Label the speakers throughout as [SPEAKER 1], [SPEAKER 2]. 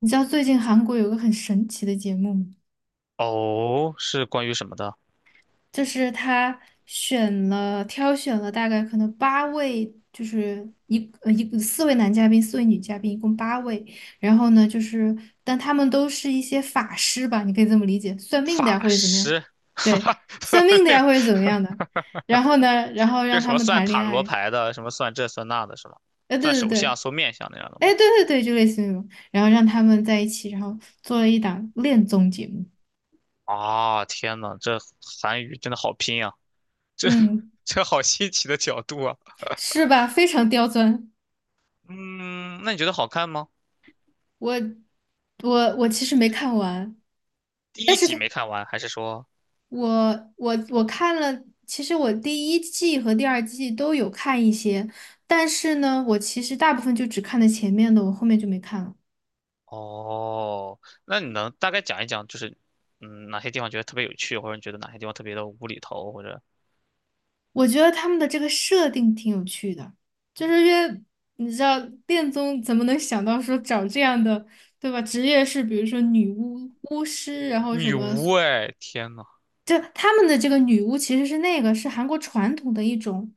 [SPEAKER 1] 你知道最近韩国有个很神奇的节目吗，
[SPEAKER 2] 哦，是关于什么的？
[SPEAKER 1] 就是他挑选了大概可能八位，就是一呃一四位男嘉宾，四位女嘉宾，一共八位。然后呢，就是但他们都是一些法师吧，你可以这么理解，算命的呀
[SPEAKER 2] 法
[SPEAKER 1] 或者怎么样，
[SPEAKER 2] 师，哈
[SPEAKER 1] 对，
[SPEAKER 2] 哈，
[SPEAKER 1] 算命的呀或者怎么样的。然后呢，然后让
[SPEAKER 2] 这 什
[SPEAKER 1] 他
[SPEAKER 2] 么
[SPEAKER 1] 们
[SPEAKER 2] 算
[SPEAKER 1] 谈
[SPEAKER 2] 塔
[SPEAKER 1] 恋
[SPEAKER 2] 罗
[SPEAKER 1] 爱，
[SPEAKER 2] 牌的，什么算这算那的，是吧？
[SPEAKER 1] 哎，
[SPEAKER 2] 算
[SPEAKER 1] 对对
[SPEAKER 2] 手
[SPEAKER 1] 对，
[SPEAKER 2] 相、算面相那样的
[SPEAKER 1] 哎，
[SPEAKER 2] 吗？
[SPEAKER 1] 对对对，就类似于那种，然后让他们在一起，然后做了一档恋综节目。
[SPEAKER 2] 啊，天呐，这韩语真的好拼啊！这
[SPEAKER 1] 嗯，
[SPEAKER 2] 这好新奇的角度啊！
[SPEAKER 1] 是吧？非常刁钻。
[SPEAKER 2] 嗯，那你觉得好看吗？
[SPEAKER 1] 我我其实没看完，
[SPEAKER 2] 第
[SPEAKER 1] 但
[SPEAKER 2] 一
[SPEAKER 1] 是
[SPEAKER 2] 集
[SPEAKER 1] 他
[SPEAKER 2] 没看完，还是说？
[SPEAKER 1] 我看了，其实我第一季和第二季都有看一些，但是呢，我其实大部分就只看了前面的，我后面就没看了。
[SPEAKER 2] 哦，那你能大概讲一讲，就是哪些地方觉得特别有趣，或者你觉得哪些地方特别的无厘头，或者
[SPEAKER 1] 我觉得他们的这个设定挺有趣的，就是因为你知道恋综怎么能想到说找这样的，对吧？职业是比如说女巫、巫师，然后什
[SPEAKER 2] 女
[SPEAKER 1] 么
[SPEAKER 2] 巫？哎，天呐！
[SPEAKER 1] 就他们的这个女巫其实是那个是韩国传统的一种，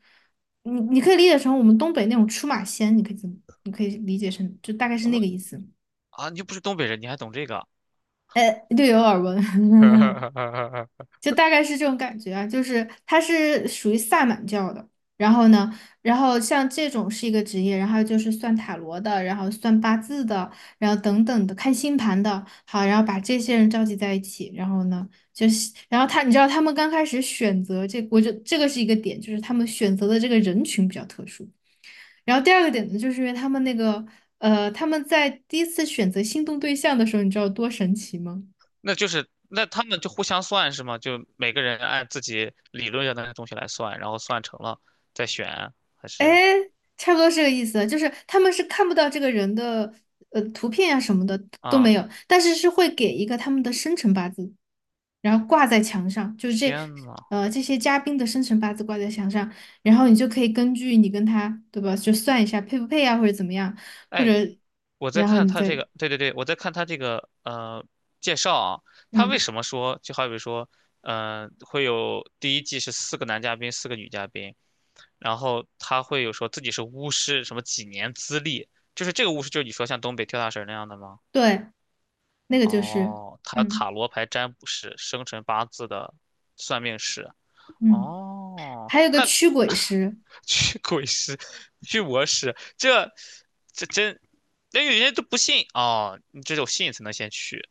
[SPEAKER 1] 你可以理解成我们东北那种出马仙，你可以怎么？你可以理解成就大概是那个意思。
[SPEAKER 2] 啊，你又不是东北人，你还懂这个？
[SPEAKER 1] 略有耳闻。就大概是这种感觉啊，就是他是属于萨满教的，然后呢，然后像这种是一个职业，然后就是算塔罗的，然后算八字的，然后等等的，看星盘的，好，然后把这些人召集在一起，然后呢，就是然后他，你知道他们刚开始选择这，我就这个是一个点，就是他们选择的这个人群比较特殊。然后第二个点呢，就是因为他们那个他们在第一次选择心动对象的时候，你知道有多神奇吗？
[SPEAKER 2] 那就是那他们就互相算是吗？就每个人按自己理论上的东西来算，然后算成了再选，还是
[SPEAKER 1] 哎。差不多是这个意思，就是他们是看不到这个人的图片啊什么的都
[SPEAKER 2] 啊？
[SPEAKER 1] 没有，但是是会给一个他们的生辰八字，然后挂在墙上，
[SPEAKER 2] 天呐，
[SPEAKER 1] 这些嘉宾的生辰八字挂在墙上，然后你就可以根据你跟他对吧，就算一下配不配啊，或者怎么样，或者
[SPEAKER 2] 哎，我在
[SPEAKER 1] 然后
[SPEAKER 2] 看
[SPEAKER 1] 你
[SPEAKER 2] 他这
[SPEAKER 1] 再
[SPEAKER 2] 个，对对对，我在看他这个介绍啊，他为
[SPEAKER 1] 嗯
[SPEAKER 2] 什么说就好比说，会有第一季是四个男嘉宾，四个女嘉宾，然后他会有说自己是巫师，什么几年资历，就是这个巫师就是你说像东北跳大神那样的吗？
[SPEAKER 1] 对，那个就是
[SPEAKER 2] 哦，他
[SPEAKER 1] 嗯
[SPEAKER 2] 塔罗牌占卜师，生辰八字的算命师。
[SPEAKER 1] 嗯，
[SPEAKER 2] 哦，
[SPEAKER 1] 还有个
[SPEAKER 2] 那
[SPEAKER 1] 驱鬼 师，
[SPEAKER 2] 驱鬼师，驱魔师，这真，那有些人都不信哦，你只有信才能先去。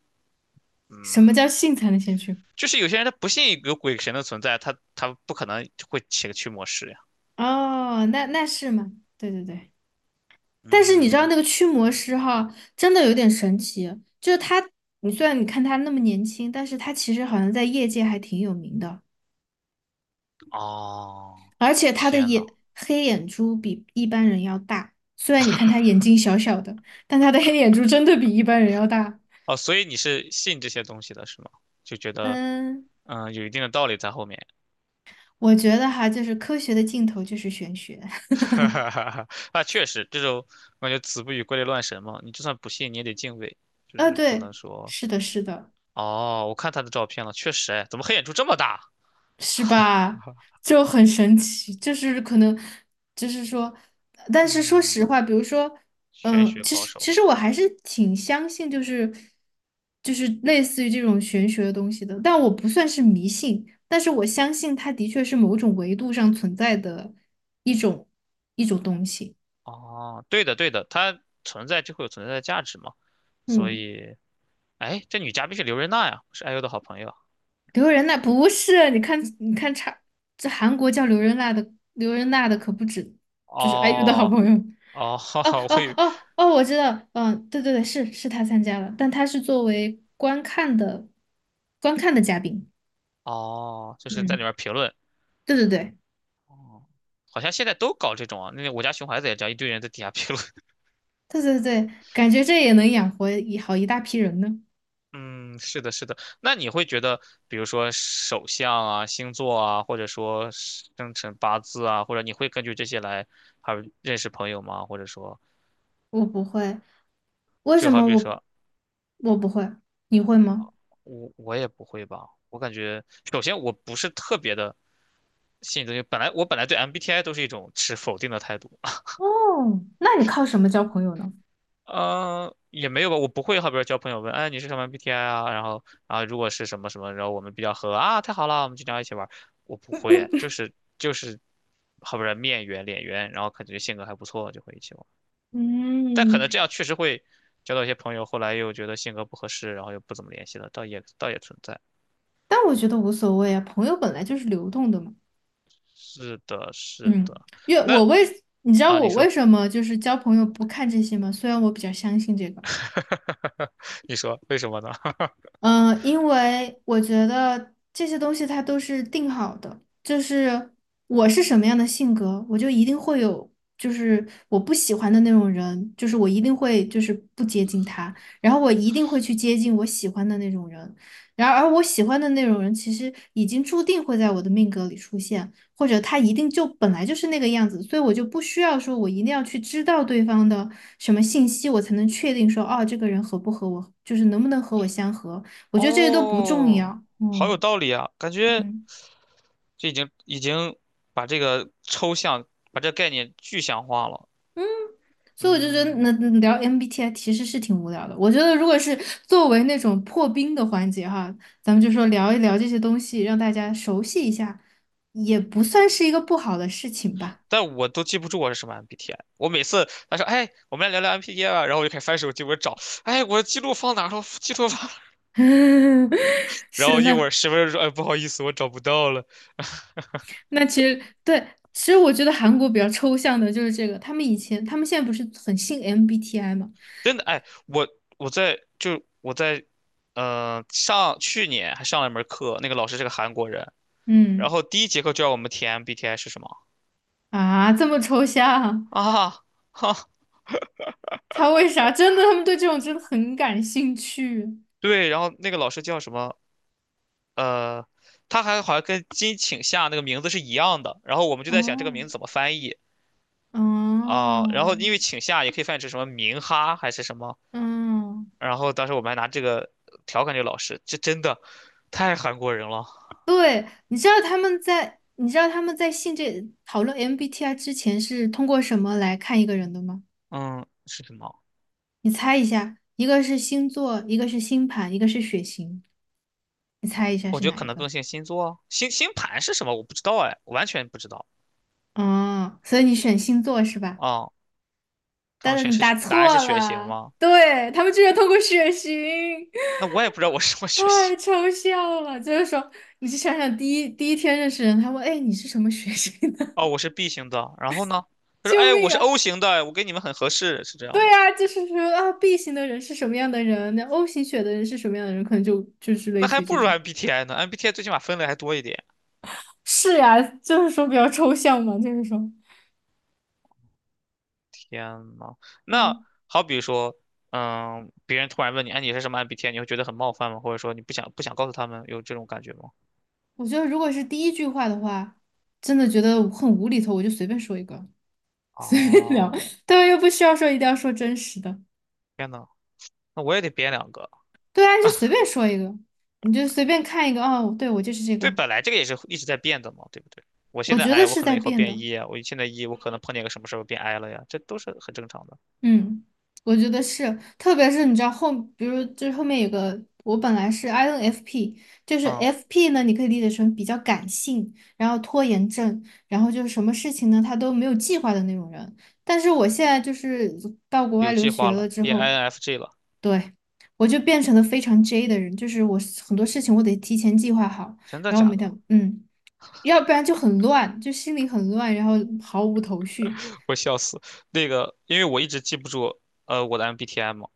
[SPEAKER 1] 什么叫性才能先驱？
[SPEAKER 2] 就是有些人他不信有鬼神的存在，他不可能会请个驱魔师呀。
[SPEAKER 1] 哦，那是吗？对对对。但是你知道
[SPEAKER 2] 嗯，
[SPEAKER 1] 那个驱魔师哈，真的有点神奇，就是他，虽然你看他那么年轻，但是他其实好像在业界还挺有名的，
[SPEAKER 2] 哦，
[SPEAKER 1] 而且他的
[SPEAKER 2] 天
[SPEAKER 1] 眼
[SPEAKER 2] 呐，
[SPEAKER 1] 黑眼珠比一般人要大，虽然你看他眼睛小小的，但他的黑眼珠真的比一般人要大。
[SPEAKER 2] 哦，所以你是信这些东西的是吗？就觉得
[SPEAKER 1] 嗯，
[SPEAKER 2] 有一定的道理在后面。
[SPEAKER 1] 我觉得哈，就是科学的尽头就是玄学。
[SPEAKER 2] 哈哈哈哈，啊，确实，这种我感觉“子不语怪力乱神”嘛，你就算不信，你也得敬畏，就是不能
[SPEAKER 1] 对，
[SPEAKER 2] 说
[SPEAKER 1] 是的，是的。
[SPEAKER 2] 哦，我看他的照片了，确实，哎，怎么黑眼珠这么大？
[SPEAKER 1] 是吧？就很神奇，就是可能，就是说，但是说实
[SPEAKER 2] 嗯，
[SPEAKER 1] 话，比如说，
[SPEAKER 2] 玄
[SPEAKER 1] 嗯，
[SPEAKER 2] 学
[SPEAKER 1] 其
[SPEAKER 2] 高
[SPEAKER 1] 实
[SPEAKER 2] 手
[SPEAKER 1] 其
[SPEAKER 2] 们，
[SPEAKER 1] 实我还是挺相信，就是就是类似于这种玄学的东西的，但我不算是迷信，但是我相信它的确是某种维度上存在的一种一种东西。
[SPEAKER 2] 哦，对的，对的，他存在就会有存在的价值嘛，所
[SPEAKER 1] 嗯，
[SPEAKER 2] 以，哎，这女嘉宾是刘瑞娜呀，是 IU 的好朋友，
[SPEAKER 1] 刘仁娜不是，你看你看差，这韩国叫刘仁娜的可不止，就是爱玉的好
[SPEAKER 2] 哦，
[SPEAKER 1] 朋友。
[SPEAKER 2] 哦，哈
[SPEAKER 1] 哦
[SPEAKER 2] 哈，我
[SPEAKER 1] 哦
[SPEAKER 2] 以为，
[SPEAKER 1] 哦哦，我知道，嗯，对对对，是他参加了，但他是作为观看的嘉宾，
[SPEAKER 2] 哦，就是在里
[SPEAKER 1] 嗯，
[SPEAKER 2] 面评论，
[SPEAKER 1] 对对对
[SPEAKER 2] 哦，好像现在都搞这种啊，那个我家熊孩子也这样，一堆人在底下评论
[SPEAKER 1] 对对对，感觉这也能养活一好一大批人呢。
[SPEAKER 2] 嗯，是的，是的。那你会觉得，比如说手相啊、星座啊，或者说生辰八字啊，或者你会根据这些来还有认识朋友吗？或者说，
[SPEAKER 1] 我不会，为
[SPEAKER 2] 就
[SPEAKER 1] 什
[SPEAKER 2] 好
[SPEAKER 1] 么
[SPEAKER 2] 比
[SPEAKER 1] 我
[SPEAKER 2] 说
[SPEAKER 1] 我不会？你会吗？
[SPEAKER 2] 我也不会吧。我感觉，首先我不是特别的信这些，本来对 MBTI 都是一种持否定的态度，
[SPEAKER 1] 哦，那你靠什么交朋友呢？
[SPEAKER 2] 也没有吧，我不会，好比说交朋友问，哎，你是什么 BTI 啊？然后啊，如果是什么什么，然后我们比较合啊，太好了，我们经常一起玩儿。我不会，就是，好比说面圆脸圆，然后感觉性格还不错，就会一起玩儿。但可
[SPEAKER 1] 嗯，
[SPEAKER 2] 能这样确实会交到一些朋友，后来又觉得性格不合适，然后又不怎么联系了，倒也存在。
[SPEAKER 1] 但我觉得无所谓啊，朋友本来就是流动的嘛。
[SPEAKER 2] 是的，是
[SPEAKER 1] 嗯，
[SPEAKER 2] 的。
[SPEAKER 1] 因为
[SPEAKER 2] 那
[SPEAKER 1] 我为你知道
[SPEAKER 2] 啊，你
[SPEAKER 1] 我为
[SPEAKER 2] 说，
[SPEAKER 1] 什么就是交朋友不看这些吗？虽然我比较相信这个。
[SPEAKER 2] 你说为什么呢？
[SPEAKER 1] 嗯，因为我觉得这些东西它都是定好的，就是我是什么样的性格，我就一定会有，就是我不喜欢的那种人，就是我一定会就是不接近他，然后我一定会去接近我喜欢的那种人，然而我喜欢的那种人其实已经注定会在我的命格里出现，或者他一定就本来就是那个样子，所以我就不需要说我一定要去知道对方的什么信息，我才能确定说，哦，这个人合不合我，就是能不能和我相合。我觉得这些都不重
[SPEAKER 2] 哦，
[SPEAKER 1] 要。
[SPEAKER 2] 好有
[SPEAKER 1] 嗯
[SPEAKER 2] 道理啊，感觉。
[SPEAKER 1] 嗯，
[SPEAKER 2] 这已经把这个抽象，把这个概念具象化了。
[SPEAKER 1] 所以我就觉得
[SPEAKER 2] 嗯，
[SPEAKER 1] 那聊 MBTI 其实是挺无聊的。我觉得如果是作为那种破冰的环节哈，咱们就说聊一聊这些东西，让大家熟悉一下，也不算是一个不好的事情吧。
[SPEAKER 2] 但我都记不住我是什么 MBTI。我每次他说：“哎，我们来聊聊 MBTI 吧。”然后我就开始翻手机，我找，哎，我记录放哪了？记录放哪 然
[SPEAKER 1] 是
[SPEAKER 2] 后一会
[SPEAKER 1] 那
[SPEAKER 2] 儿十分钟说：“哎，不好意思，我找不到了。”
[SPEAKER 1] 那其实对，其实我觉得韩国比较抽象的就是这个，他们现在不是很信 MBTI 嘛？
[SPEAKER 2] 真的，哎，我在，上去年还上了一门课，那个老师是个韩国人，然
[SPEAKER 1] 嗯
[SPEAKER 2] 后第一节课就让我们填 MBTI 是什么
[SPEAKER 1] 啊，这么抽象，
[SPEAKER 2] 啊？哈，
[SPEAKER 1] 他为啥？真的，他们对这种真的很感兴趣。
[SPEAKER 2] 对，然后那个老师叫什么？呃，他还好像跟金请夏那个名字是一样的。然后我们就在想这个
[SPEAKER 1] 哦，
[SPEAKER 2] 名字怎么翻译啊、然后
[SPEAKER 1] 哦，
[SPEAKER 2] 因为请夏也可以翻译成什么明哈还是什么。
[SPEAKER 1] 嗯，
[SPEAKER 2] 然后当时我们还拿这个调侃这个老师，这真的太韩国人了。
[SPEAKER 1] 对，你知道他们在性这讨论 MBTI 之前是通过什么来看一个人的吗？
[SPEAKER 2] 嗯，是什么？
[SPEAKER 1] 你猜一下，一个是星座，一个是星盘，一个是血型，你猜一下
[SPEAKER 2] 我
[SPEAKER 1] 是
[SPEAKER 2] 觉得
[SPEAKER 1] 哪
[SPEAKER 2] 可
[SPEAKER 1] 一
[SPEAKER 2] 能
[SPEAKER 1] 个？
[SPEAKER 2] 更像星座啊星盘是什么？我不知道哎，完全不知道
[SPEAKER 1] 哦，所以你选星座是吧？
[SPEAKER 2] 啊、他
[SPEAKER 1] 但
[SPEAKER 2] 们
[SPEAKER 1] 是
[SPEAKER 2] 选
[SPEAKER 1] 你答
[SPEAKER 2] 是答案
[SPEAKER 1] 错
[SPEAKER 2] 是血型
[SPEAKER 1] 了，
[SPEAKER 2] 吗？
[SPEAKER 1] 对，他们居然通过血型。
[SPEAKER 2] 那我也不知道我是什么血
[SPEAKER 1] 太
[SPEAKER 2] 型。
[SPEAKER 1] 抽象了，就是说，你去想想，第一天认识人，他问，哎，你是什么血型？
[SPEAKER 2] 哦，我是 B 型的。然后呢？他说：
[SPEAKER 1] 救
[SPEAKER 2] “哎，我
[SPEAKER 1] 命
[SPEAKER 2] 是
[SPEAKER 1] 啊！
[SPEAKER 2] O 型的，我跟你们很合适，是这
[SPEAKER 1] 对
[SPEAKER 2] 样吗？”
[SPEAKER 1] 啊，就是说啊，B 型的人是什么样的人，那 O 型血的人是什么样的人，可能就是类
[SPEAKER 2] 那
[SPEAKER 1] 似
[SPEAKER 2] 还
[SPEAKER 1] 于
[SPEAKER 2] 不
[SPEAKER 1] 这
[SPEAKER 2] 如
[SPEAKER 1] 种。
[SPEAKER 2] MBTI 呢，MBTI 最起码分类还多一点。
[SPEAKER 1] 是呀，就是说比较抽象嘛，就是说，
[SPEAKER 2] 天呐，那
[SPEAKER 1] 嗯，
[SPEAKER 2] 好比说，嗯，别人突然问你，哎，你是什么 MBTI，你会觉得很冒犯吗？或者说你不想告诉他们有这种感觉吗？
[SPEAKER 1] 我觉得如果是第一句话的话，真的觉得很无厘头，我就随便说一个，随便聊，
[SPEAKER 2] 哦，
[SPEAKER 1] 对啊，又不需要说一定要说真实的，
[SPEAKER 2] 天呐，那我也得编两个。
[SPEAKER 1] 对啊，就随便说一个，你就随便看一个，哦，对，我就是这
[SPEAKER 2] 对，
[SPEAKER 1] 个，
[SPEAKER 2] 本来这个也是一直在变的嘛，对不对？我
[SPEAKER 1] 我
[SPEAKER 2] 现在
[SPEAKER 1] 觉得
[SPEAKER 2] I，我
[SPEAKER 1] 是
[SPEAKER 2] 可
[SPEAKER 1] 在
[SPEAKER 2] 能以后
[SPEAKER 1] 变的，
[SPEAKER 2] 变 E 啊，我现在 E，我可能碰见个什么事儿我变 I 了呀，这都是很正常的。
[SPEAKER 1] 嗯，我觉得是，特别是你知道后，比如就是后面有个，我本来是 INFP，就是
[SPEAKER 2] 啊、
[SPEAKER 1] FP 呢，你可以理解成比较感性，然后拖延症，然后就是什么事情呢，他都没有计划的那种人。但是我现在就是到国外
[SPEAKER 2] 有
[SPEAKER 1] 留
[SPEAKER 2] 计
[SPEAKER 1] 学
[SPEAKER 2] 划
[SPEAKER 1] 了
[SPEAKER 2] 了
[SPEAKER 1] 之
[SPEAKER 2] 变 i
[SPEAKER 1] 后，
[SPEAKER 2] n f j 了，
[SPEAKER 1] 对，我就变成了非常 J 的人，就是我很多事情我得提前计划好，
[SPEAKER 2] 真的
[SPEAKER 1] 然后
[SPEAKER 2] 假
[SPEAKER 1] 每
[SPEAKER 2] 的？
[SPEAKER 1] 天，嗯，要不然就很乱，就心里很乱，然后毫无头绪。
[SPEAKER 2] 我笑死。那个，因为我一直记不住，我的 MBTI 嘛。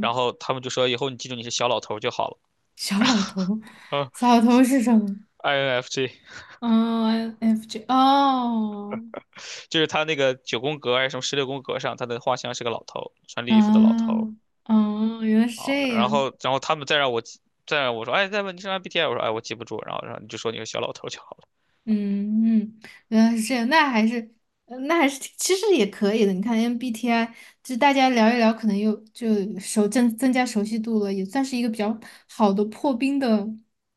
[SPEAKER 2] 然后他们就说以后你记住你是小老头就好了。
[SPEAKER 1] 小老头，
[SPEAKER 2] 嗯
[SPEAKER 1] 小老头是什么？
[SPEAKER 2] ，INFJ
[SPEAKER 1] 嗯，F J 哦，
[SPEAKER 2] 就是他那个九宫格还是什么十六宫格上，他的画像是个老头，穿绿衣服的老
[SPEAKER 1] 啊，
[SPEAKER 2] 头
[SPEAKER 1] 哦，原来是
[SPEAKER 2] 啊。
[SPEAKER 1] 这
[SPEAKER 2] 然
[SPEAKER 1] 样，
[SPEAKER 2] 后，然后他们再让我说，哎，再问你是 MBTI，我说哎我记不住，然后你就说你是小老头就好了。
[SPEAKER 1] 嗯嗯，原来是这样，那还是那还是挺其实也可以的。你看 MBTI，就大家聊一聊，可能又就增增加熟悉度了，也算是一个比较好的破冰的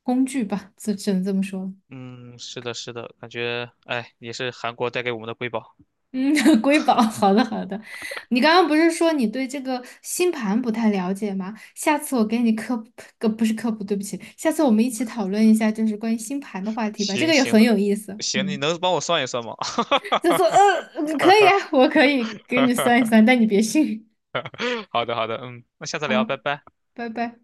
[SPEAKER 1] 工具吧，只能这么说。
[SPEAKER 2] 嗯，是的，是的，感觉哎也是韩国带给我们的瑰宝。
[SPEAKER 1] 嗯，瑰宝，好的好的。你刚刚不是说你对这个星盘不太了解吗？下次我给你科普，不是科普，对不起，下次我们一起讨论一下，就是关于星盘的话题吧，这
[SPEAKER 2] 行
[SPEAKER 1] 个也
[SPEAKER 2] 行
[SPEAKER 1] 很
[SPEAKER 2] 的，
[SPEAKER 1] 有意思。
[SPEAKER 2] 行，你
[SPEAKER 1] 嗯，
[SPEAKER 2] 能帮我算一算吗？
[SPEAKER 1] 就说，可以啊，我可以给你算一算，但你别信。
[SPEAKER 2] 好的好的，嗯，那下次聊，
[SPEAKER 1] 好，
[SPEAKER 2] 拜拜。
[SPEAKER 1] 拜拜。